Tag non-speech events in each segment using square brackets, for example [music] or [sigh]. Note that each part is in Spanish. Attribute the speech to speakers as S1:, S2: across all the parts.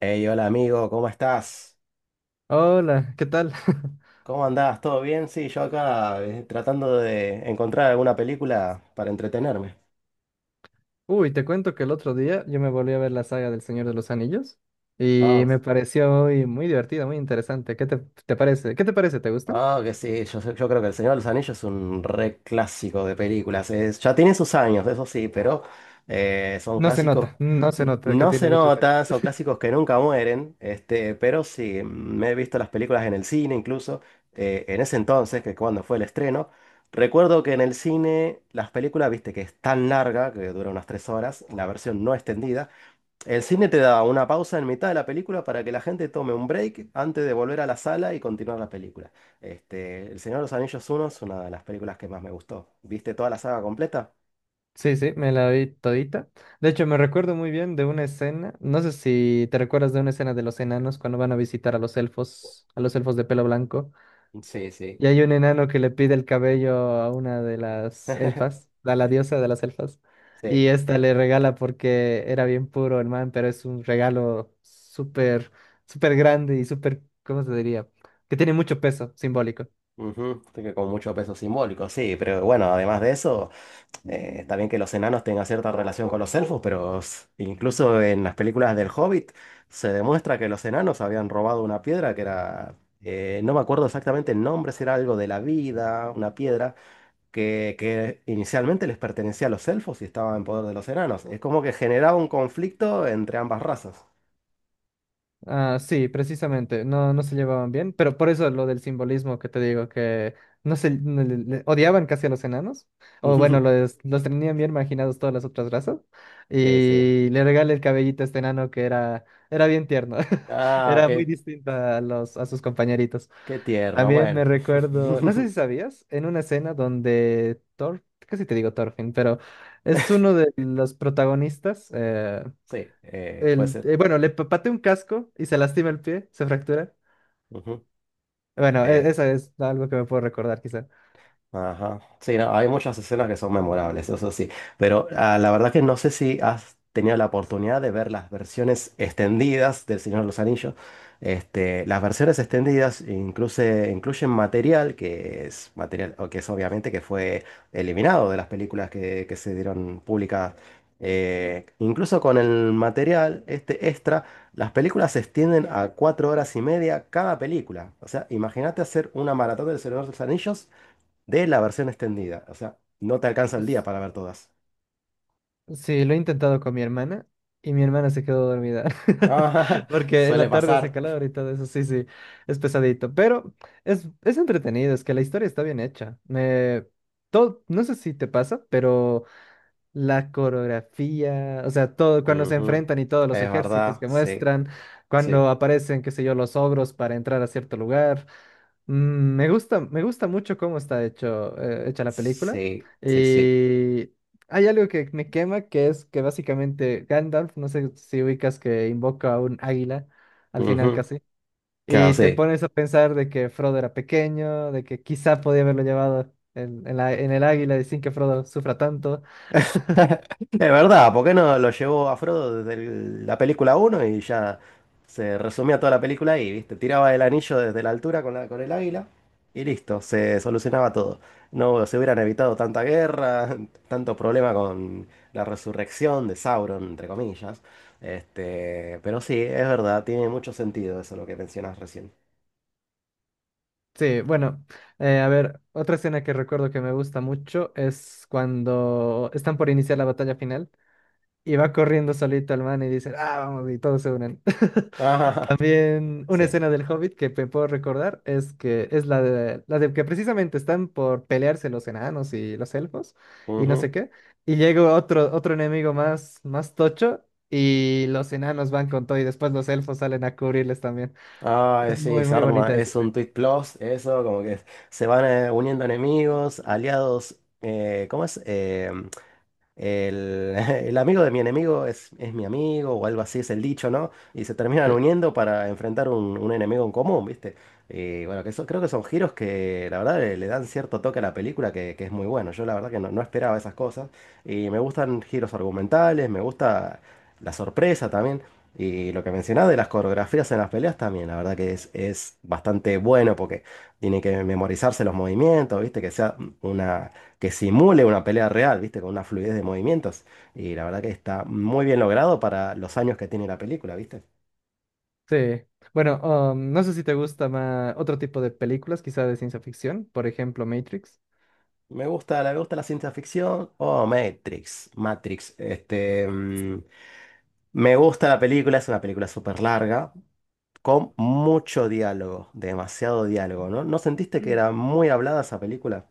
S1: Hey, hola amigo, ¿cómo estás?
S2: Hola, ¿qué tal? [laughs]
S1: ¿Cómo andás? ¿Todo bien? Sí, yo acá tratando de encontrar alguna película para entretenerme.
S2: Uy, te cuento que el otro día yo me volví a ver la saga del Señor de los Anillos y me
S1: Vamos.
S2: pareció muy, muy divertida, muy interesante. ¿Qué te parece? ¿Qué te parece? ¿Te gustan?
S1: Ah, que sí, yo creo que El Señor de los Anillos es un re clásico de películas. Ya tiene sus años, eso sí, pero son
S2: No se
S1: clásicos.
S2: nota, no se nota que
S1: No se
S2: tiene muchos años.
S1: nota, son clásicos que nunca mueren, este, pero sí, me he visto las películas en el cine incluso, en ese entonces, que cuando fue el estreno. Recuerdo que en el cine las películas, viste, que es tan larga, que dura unas tres horas, la versión no extendida. El cine te da una pausa en mitad de la película para que la gente tome un break antes de volver a la sala y continuar la película. Este, El Señor de los Anillos 1 es una de las películas que más me gustó. ¿Viste toda la saga completa?
S2: Sí, sí, me la vi todita. De hecho, me recuerdo muy bien de una escena, no sé si te recuerdas de una escena de los enanos cuando van a visitar a los elfos de pelo blanco.
S1: Sí, sí,
S2: Y hay un enano que le pide el cabello a una de las
S1: [laughs]
S2: elfas, a la diosa de las elfas, y
S1: sí.
S2: esta le regala porque era bien puro el man, pero es un regalo súper, súper grande y súper, ¿cómo se diría? Que tiene mucho peso simbólico.
S1: Ujú, así que con mucho peso simbólico, sí, pero bueno, además de eso, está bien que los enanos tengan cierta relación con los elfos, pero incluso en las películas del Hobbit se demuestra que los enanos habían robado una piedra que era, no me acuerdo exactamente el nombre, si era algo de la vida, una piedra, que inicialmente les pertenecía a los elfos y estaba en poder de los enanos. Es como que generaba un conflicto entre ambas razas.
S2: Ah, sí, precisamente, no, no se llevaban bien, pero por eso lo del simbolismo que te digo, que no se no le- le- odiaban casi a los enanos, o bueno,
S1: [laughs]
S2: los tenían bien marginados todas las otras razas,
S1: Sí, sí.
S2: y le regala el cabellito a este enano que era, era bien tierno, [laughs]
S1: Ah,
S2: era muy distinto a los, a sus compañeritos.
S1: qué tierno.
S2: También me
S1: Bueno. [laughs]
S2: recuerdo, no sé si sabías, en una escena donde Thor, casi te digo Thorfinn, pero es uno de los protagonistas,
S1: Sí, puede
S2: el,
S1: ser.
S2: bueno, pateé un casco y se lastima el pie, se fractura.
S1: Ujú.
S2: Bueno,
S1: Eh,
S2: eso es algo que me puedo recordar, quizá.
S1: Ajá. Sí, no, hay muchas escenas que son memorables, eso sí. Pero ah, la verdad que no sé si has tenido la oportunidad de ver las versiones extendidas del Señor de los Anillos. Este, las versiones extendidas incluso, incluyen material que es material, o que es obviamente que fue eliminado de las películas que se dieron públicas. Incluso con el material, este extra, las películas se extienden a cuatro horas y media cada película. O sea, imagínate hacer una maratón del Señor de los Anillos de la versión extendida. O sea, no te alcanza el día
S2: Pues,
S1: para ver todas. [laughs]
S2: sí, lo he intentado con mi hermana y mi hermana se quedó dormida. [laughs]
S1: Ah,
S2: Porque en
S1: suele
S2: la tarde hace
S1: pasar.
S2: calor y todo eso, sí, sí, es pesadito. Pero es entretenido, es que la historia está bien hecha. No sé si te pasa, pero. La coreografía, o sea, todo cuando se
S1: Ujú.
S2: enfrentan y todos los
S1: Es
S2: ejércitos
S1: verdad,
S2: que
S1: sí,
S2: muestran,
S1: sí,
S2: cuando aparecen, qué sé yo, los ogros para entrar a cierto lugar. Me gusta mucho cómo está hecho, hecha la película.
S1: sí, sí, sí.
S2: Y hay algo que me quema, que es que básicamente Gandalf, no sé si ubicas que invoca a un águila al final
S1: Ujú.
S2: casi,
S1: Claro,
S2: y te
S1: sí.
S2: pones a pensar de que Frodo era pequeño, de que quizá podía haberlo llevado en, en el águila y sin que Frodo sufra tanto.
S1: Es verdad, ¿por qué no lo llevó a Frodo desde la película uno y ya se resumía toda la película ahí, ¿viste? Tiraba el anillo desde la altura con con el águila y listo, se solucionaba todo. No se hubieran evitado tanta guerra, [laughs] tanto problema con la resurrección de Sauron, entre comillas. Este, pero sí, es verdad, tiene mucho sentido eso lo que mencionas recién.
S2: Sí, bueno, a ver, otra escena que recuerdo que me gusta mucho es cuando están por iniciar la batalla final y va corriendo solito el man y dice, ah, vamos, y todos se unen.
S1: [laughs]
S2: [laughs]
S1: Ah,
S2: También una
S1: sí.
S2: escena del Hobbit que me puedo recordar es que es la de que precisamente están por pelearse los enanos y los elfos y no sé qué, y llega otro, otro enemigo más, más tocho y los enanos van con todo y después los elfos salen a cubrirles también.
S1: Ah,
S2: Es
S1: sí,
S2: muy,
S1: se
S2: muy
S1: arma,
S2: bonita esa
S1: es un
S2: escena.
S1: Twitch Plus, eso, como que se van uniendo enemigos, aliados, ¿cómo es? El, [laughs] el amigo de mi enemigo es mi amigo o algo así es el dicho, ¿no? Y se terminan
S2: Sí.
S1: uniendo para enfrentar un enemigo en común, ¿viste? Y bueno, que eso, creo que son giros que la verdad le dan cierto toque a la película que es muy bueno. Yo la verdad que no, no esperaba esas cosas. Y me gustan giros argumentales, me gusta la sorpresa también. Y lo que mencionaba de las coreografías en las peleas también, la verdad que es bastante bueno porque tiene que memorizarse los movimientos, ¿viste? Que sea una que simule una pelea real, ¿viste? Con una fluidez de movimientos. Y la verdad que está muy bien logrado para los años que tiene la película, ¿viste?
S2: Sí. Bueno, no sé si te gusta más otro tipo de películas, quizá de ciencia ficción, por ejemplo, Matrix.
S1: Me gusta, me gusta la ciencia ficción. Oh, Matrix, Matrix. Este, mm, me gusta la película, es una película súper larga, con mucho diálogo, demasiado diálogo, ¿no? ¿No sentiste que
S2: Mm.
S1: era muy hablada esa película?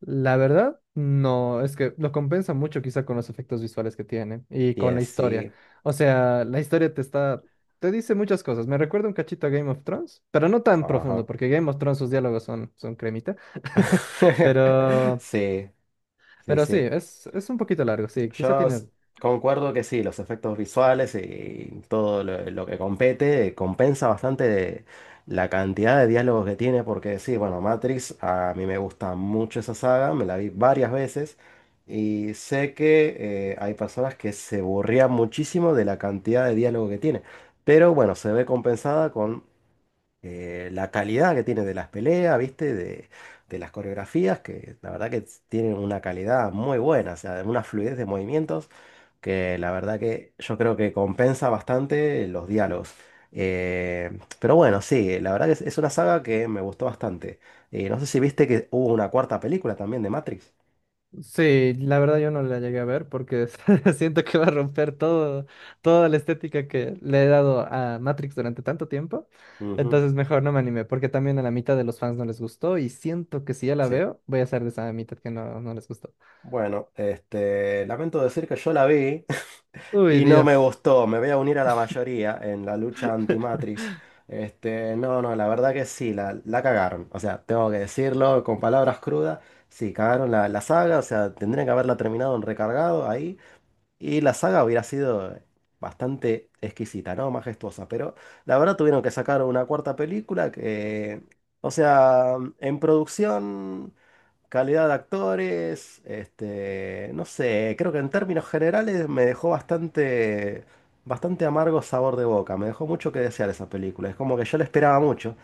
S2: La verdad, no, es que lo compensa mucho quizá con los efectos visuales que tiene y con
S1: Bien,
S2: la historia.
S1: sí,
S2: O sea, la historia te está, te dice muchas cosas. Me recuerda un cachito a Game of Thrones, pero no tan profundo,
S1: ajá.
S2: porque Game of Thrones sus diálogos son, son cremita. [laughs]
S1: [laughs]
S2: Pero,
S1: Sí, sí,
S2: pero sí,
S1: sí.
S2: es un poquito largo, sí, quizá
S1: Yo s-
S2: tiene.
S1: Concuerdo que sí, los efectos visuales y todo lo que compete compensa bastante la cantidad de diálogos que tiene, porque sí, bueno, Matrix, a mí me gusta mucho esa saga, me la vi varias veces y sé que hay personas que se aburrían muchísimo de la cantidad de diálogo que tiene, pero bueno, se ve compensada con la calidad que tiene de las peleas, ¿viste? De las coreografías, que la verdad que tienen una calidad muy buena, o sea, una fluidez de movimientos que la verdad que yo creo que compensa bastante los diálogos. Pero bueno, sí, la verdad que es una saga que me gustó bastante. No sé si viste que hubo una cuarta película también de Matrix.
S2: Sí, la verdad yo no la llegué a ver porque [laughs] siento que va a romper todo, toda la estética que le he dado a Matrix durante tanto tiempo.
S1: Ujú,
S2: Entonces mejor no me animé porque también a la mitad de los fans no les gustó y siento que si ya la
S1: sí.
S2: veo voy a ser de esa mitad que no, no les gustó.
S1: Bueno, este, lamento decir que yo la vi.
S2: Uy,
S1: Y no me
S2: Dios.
S1: gustó, me voy a unir a la mayoría en la lucha anti-Matrix.
S2: [laughs]
S1: Este, no, no, la verdad que sí, la cagaron. O sea, tengo que decirlo con palabras crudas. Sí, cagaron la saga, o sea, tendrían que haberla terminado en recargado ahí. Y la saga hubiera sido bastante exquisita, ¿no? Majestuosa. Pero la verdad tuvieron que sacar una cuarta película que, o sea, en producción. Calidad de actores, este, no sé, creo que en términos generales me dejó bastante, bastante amargo sabor de boca, me dejó mucho que desear esa película, es como que yo la esperaba mucho,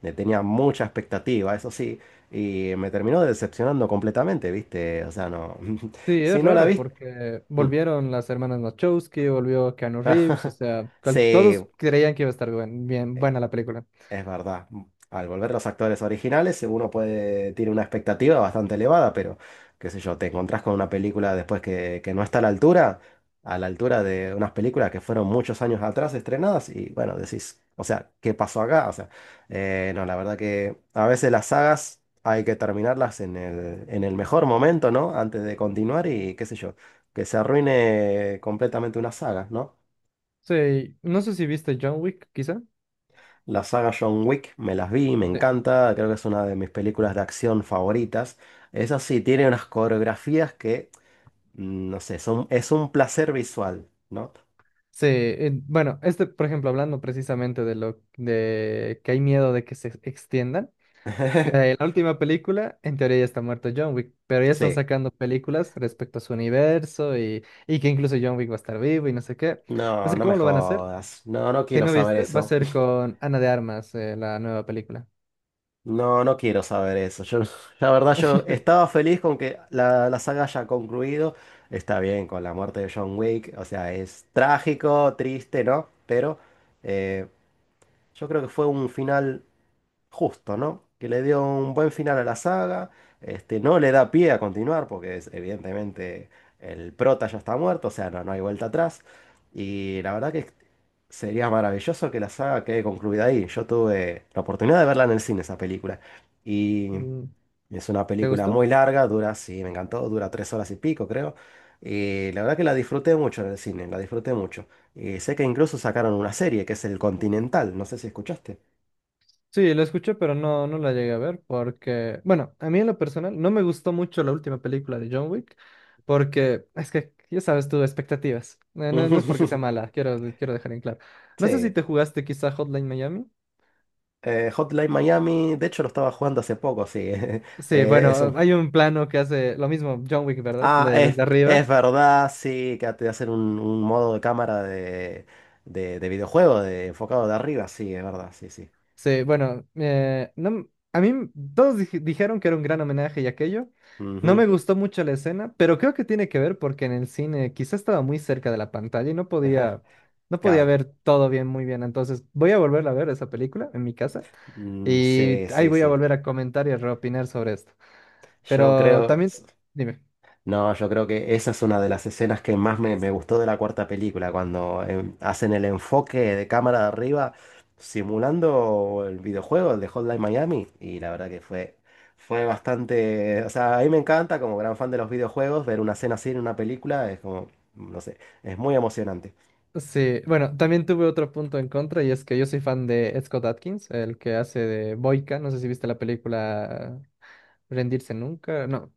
S1: le tenía mucha expectativa, eso sí, y me terminó decepcionando completamente, ¿viste? O sea, no,
S2: Sí,
S1: [laughs]
S2: es
S1: si no la
S2: raro
S1: viste...
S2: porque volvieron las hermanas Wachowski, volvió Keanu Reeves, o
S1: [laughs]
S2: sea,
S1: Sí,
S2: todos creían que iba a estar bien buena la película.
S1: es verdad. Al volver los actores originales, uno puede, tiene una expectativa bastante elevada, pero qué sé yo, te encontrás con una película después que no está a la altura de unas películas que fueron muchos años atrás estrenadas, y bueno, decís, o sea, ¿qué pasó acá? O sea, no, la verdad que a veces las sagas hay que terminarlas en en el mejor momento, ¿no? Antes de continuar y qué sé yo, que se arruine completamente una saga, ¿no?
S2: Sí, no sé si viste John Wick, quizá.
S1: La saga John Wick me las vi, me
S2: Sí.
S1: encanta, creo que es una de mis películas de acción favoritas. Eso sí, tiene unas coreografías que, mm, no sé, son, es un placer visual, ¿no?
S2: Sí, bueno, este, por ejemplo, hablando precisamente de lo de que hay miedo de que se extiendan.
S1: [laughs]
S2: La última película, en teoría ya está muerto John Wick, pero ya están
S1: Sí,
S2: sacando películas respecto a su universo y que incluso John Wick va a estar vivo y no sé qué. No
S1: no,
S2: sé
S1: no me
S2: cómo lo van a hacer.
S1: jodas, no, no
S2: Si
S1: quiero
S2: no
S1: saber
S2: viste, va a
S1: eso,
S2: ser con Ana de Armas, la nueva película.
S1: no, no quiero saber eso. Yo, la verdad, yo
S2: [laughs]
S1: estaba feliz con que la saga haya concluido, está bien con la muerte de John Wick, o sea, es trágico, triste, ¿no? Pero eh, yo creo que fue un final justo, ¿no? Que le dio un buen final a la saga, este, no le da pie a continuar porque evidentemente el prota ya está muerto, o sea, no, no hay vuelta atrás. Y la verdad que sería maravilloso que la saga quede concluida ahí. Yo tuve la oportunidad de verla en el cine, esa película. Y
S2: Mm,
S1: es una
S2: ¿te
S1: película
S2: gustó?
S1: muy larga, dura, sí, me encantó, dura tres horas y pico, creo. Y la verdad que la disfruté mucho en el cine, la disfruté mucho. Y sé que incluso sacaron una serie que es El Continental, no sé si escuchaste.
S2: Sí, la escuché, pero no, no la llegué a ver porque, bueno, a mí en lo personal no me gustó mucho la última película de John Wick porque es que, ya sabes tú, expectativas. No, no es porque sea
S1: [laughs]
S2: mala, quiero dejar en claro. No sé si
S1: Sí.
S2: te jugaste quizá Hotline Miami.
S1: Hotline Miami, de hecho lo estaba jugando hace poco, sí. [laughs]
S2: Sí,
S1: Eso.
S2: bueno, hay un plano que hace lo mismo John Wick, ¿verdad?
S1: Ah,
S2: Desde
S1: es
S2: arriba.
S1: verdad, sí, que te hacen un modo de cámara de, de videojuego, de, enfocado de arriba, sí, es verdad, sí, sí.
S2: Sí, bueno, no, m- a mí todos dijeron que era un gran homenaje y aquello. No
S1: Ujú,
S2: me gustó mucho la escena, pero creo que tiene que ver porque en el cine quizá estaba muy cerca de la pantalla y no podía, no podía
S1: claro.
S2: ver todo bien, muy bien. Entonces voy a volverla a ver esa película en mi casa
S1: Mm,
S2: y
S1: sí,
S2: ahí
S1: sí,
S2: voy a
S1: sí.
S2: volver a comentar y a reopinar sobre esto.
S1: Yo
S2: Pero
S1: creo.
S2: también, dime.
S1: No, yo creo que esa es una de las escenas que más me, me gustó de la cuarta película, cuando em, hacen el enfoque de cámara de arriba simulando el videojuego, el de Hotline Miami, y la verdad que fue, fue bastante, o sea, a mí me encanta como gran fan de los videojuegos ver una escena así en una película, es como, no sé, es muy emocionante.
S2: Sí, bueno, también tuve otro punto en contra y es que yo soy fan de Ed Scott Adkins, el que hace de Boyka. No sé si viste la película Rendirse Nunca. No,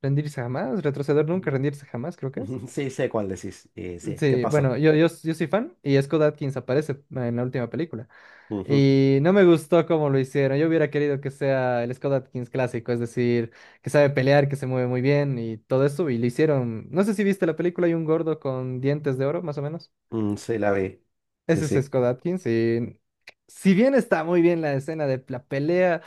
S2: Rendirse jamás, retroceder nunca,
S1: [laughs]
S2: rendirse jamás, creo que es.
S1: Sí, sé cuál decís, y sí, ¿qué
S2: Sí, bueno,
S1: pasó?
S2: yo soy fan y Scott Adkins aparece en la última película.
S1: Ujú,
S2: Y no me gustó cómo lo hicieron. Yo hubiera querido que sea el Scott Adkins clásico, es decir, que sabe pelear, que se mueve muy bien y todo eso. Y lo hicieron. No sé si viste la película, hay un gordo con dientes de oro, más o menos.
S1: mm, sí, la vi, sí,
S2: Ese es
S1: sí.
S2: Scott Adkins. Y si bien está muy bien la escena de la pelea,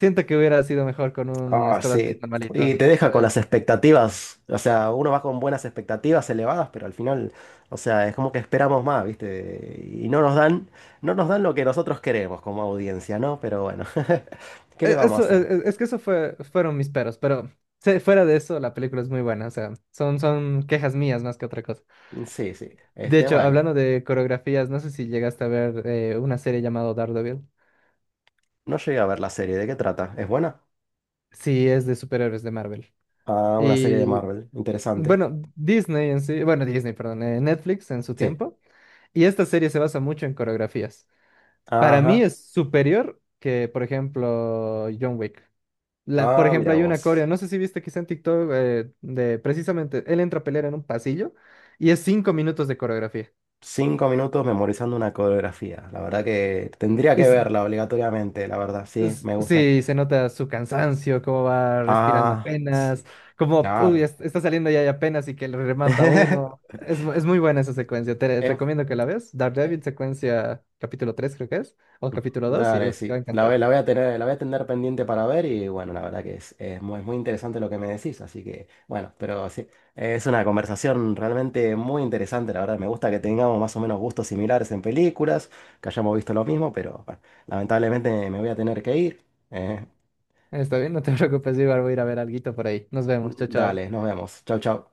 S2: siento que hubiera sido mejor con un
S1: Ah,
S2: Scott Adkins
S1: sí. Y
S2: normalito.
S1: te deja con las expectativas. O sea, uno va con buenas expectativas elevadas, pero al final, o sea, es como que esperamos más, ¿viste? Y no nos dan, no nos dan lo que nosotros queremos como audiencia, ¿no? Pero bueno, [laughs] ¿qué le
S2: E-
S1: vamos a
S2: Eso,
S1: hacer?
S2: es que eso fue, fueron mis peros, pero fuera de eso, la película es muy buena, o sea, son, son quejas mías más que otra cosa.
S1: Sí, sí.
S2: De
S1: Este,
S2: hecho,
S1: bueno,
S2: hablando de coreografías, no sé si llegaste a ver una serie llamada Daredevil.
S1: no llegué a ver la serie. ¿De qué trata? ¿Es buena?
S2: Sí, es de superhéroes de Marvel.
S1: Ah, una serie de
S2: Y
S1: Marvel. Interesante.
S2: bueno, Disney en sí, bueno, Disney, perdón, Netflix en su
S1: Sí.
S2: tiempo, y esta serie se basa mucho en coreografías. Para mí
S1: Ajá.
S2: es superior que, por ejemplo, John Wick. La, por
S1: Ah,
S2: ejemplo,
S1: mira
S2: hay una coreo,
S1: vos.
S2: no sé si viste quizá en TikTok, de precisamente, él entra a pelear en un pasillo y es 5 minutos de coreografía.
S1: Cinco minutos memorizando una coreografía. La verdad que tendría
S2: Y
S1: que
S2: s-
S1: verla obligatoriamente, la verdad. Sí, me gusta.
S2: sí, se nota su cansancio, cómo va respirando
S1: Ah,
S2: apenas,
S1: sí,
S2: cómo uy,
S1: claro.
S2: está saliendo ya y apenas y que le remata a uno.
S1: [laughs]
S2: Es, es muy buena esa secuencia, te
S1: Em,
S2: recomiendo que la veas.
S1: eh,
S2: Daredevil, secuencia capítulo 3 creo que es, o capítulo 2 y
S1: dale,
S2: uy, te
S1: sí.
S2: va a encantar.
S1: La voy a tener, la voy a tener pendiente para ver y bueno, la verdad que es muy, muy interesante lo que me decís, así que bueno, pero sí, es una conversación realmente muy interesante, la verdad. Me gusta que tengamos más o menos gustos similares en películas, que hayamos visto lo mismo, pero bueno, lamentablemente me voy a tener que ir. eh.
S2: Está bien, no te [laughs] preocupes, Ibar, voy a ir a ver alguito por ahí. Nos vemos, chao, chao.
S1: Dale, nos vemos. Chau, chau.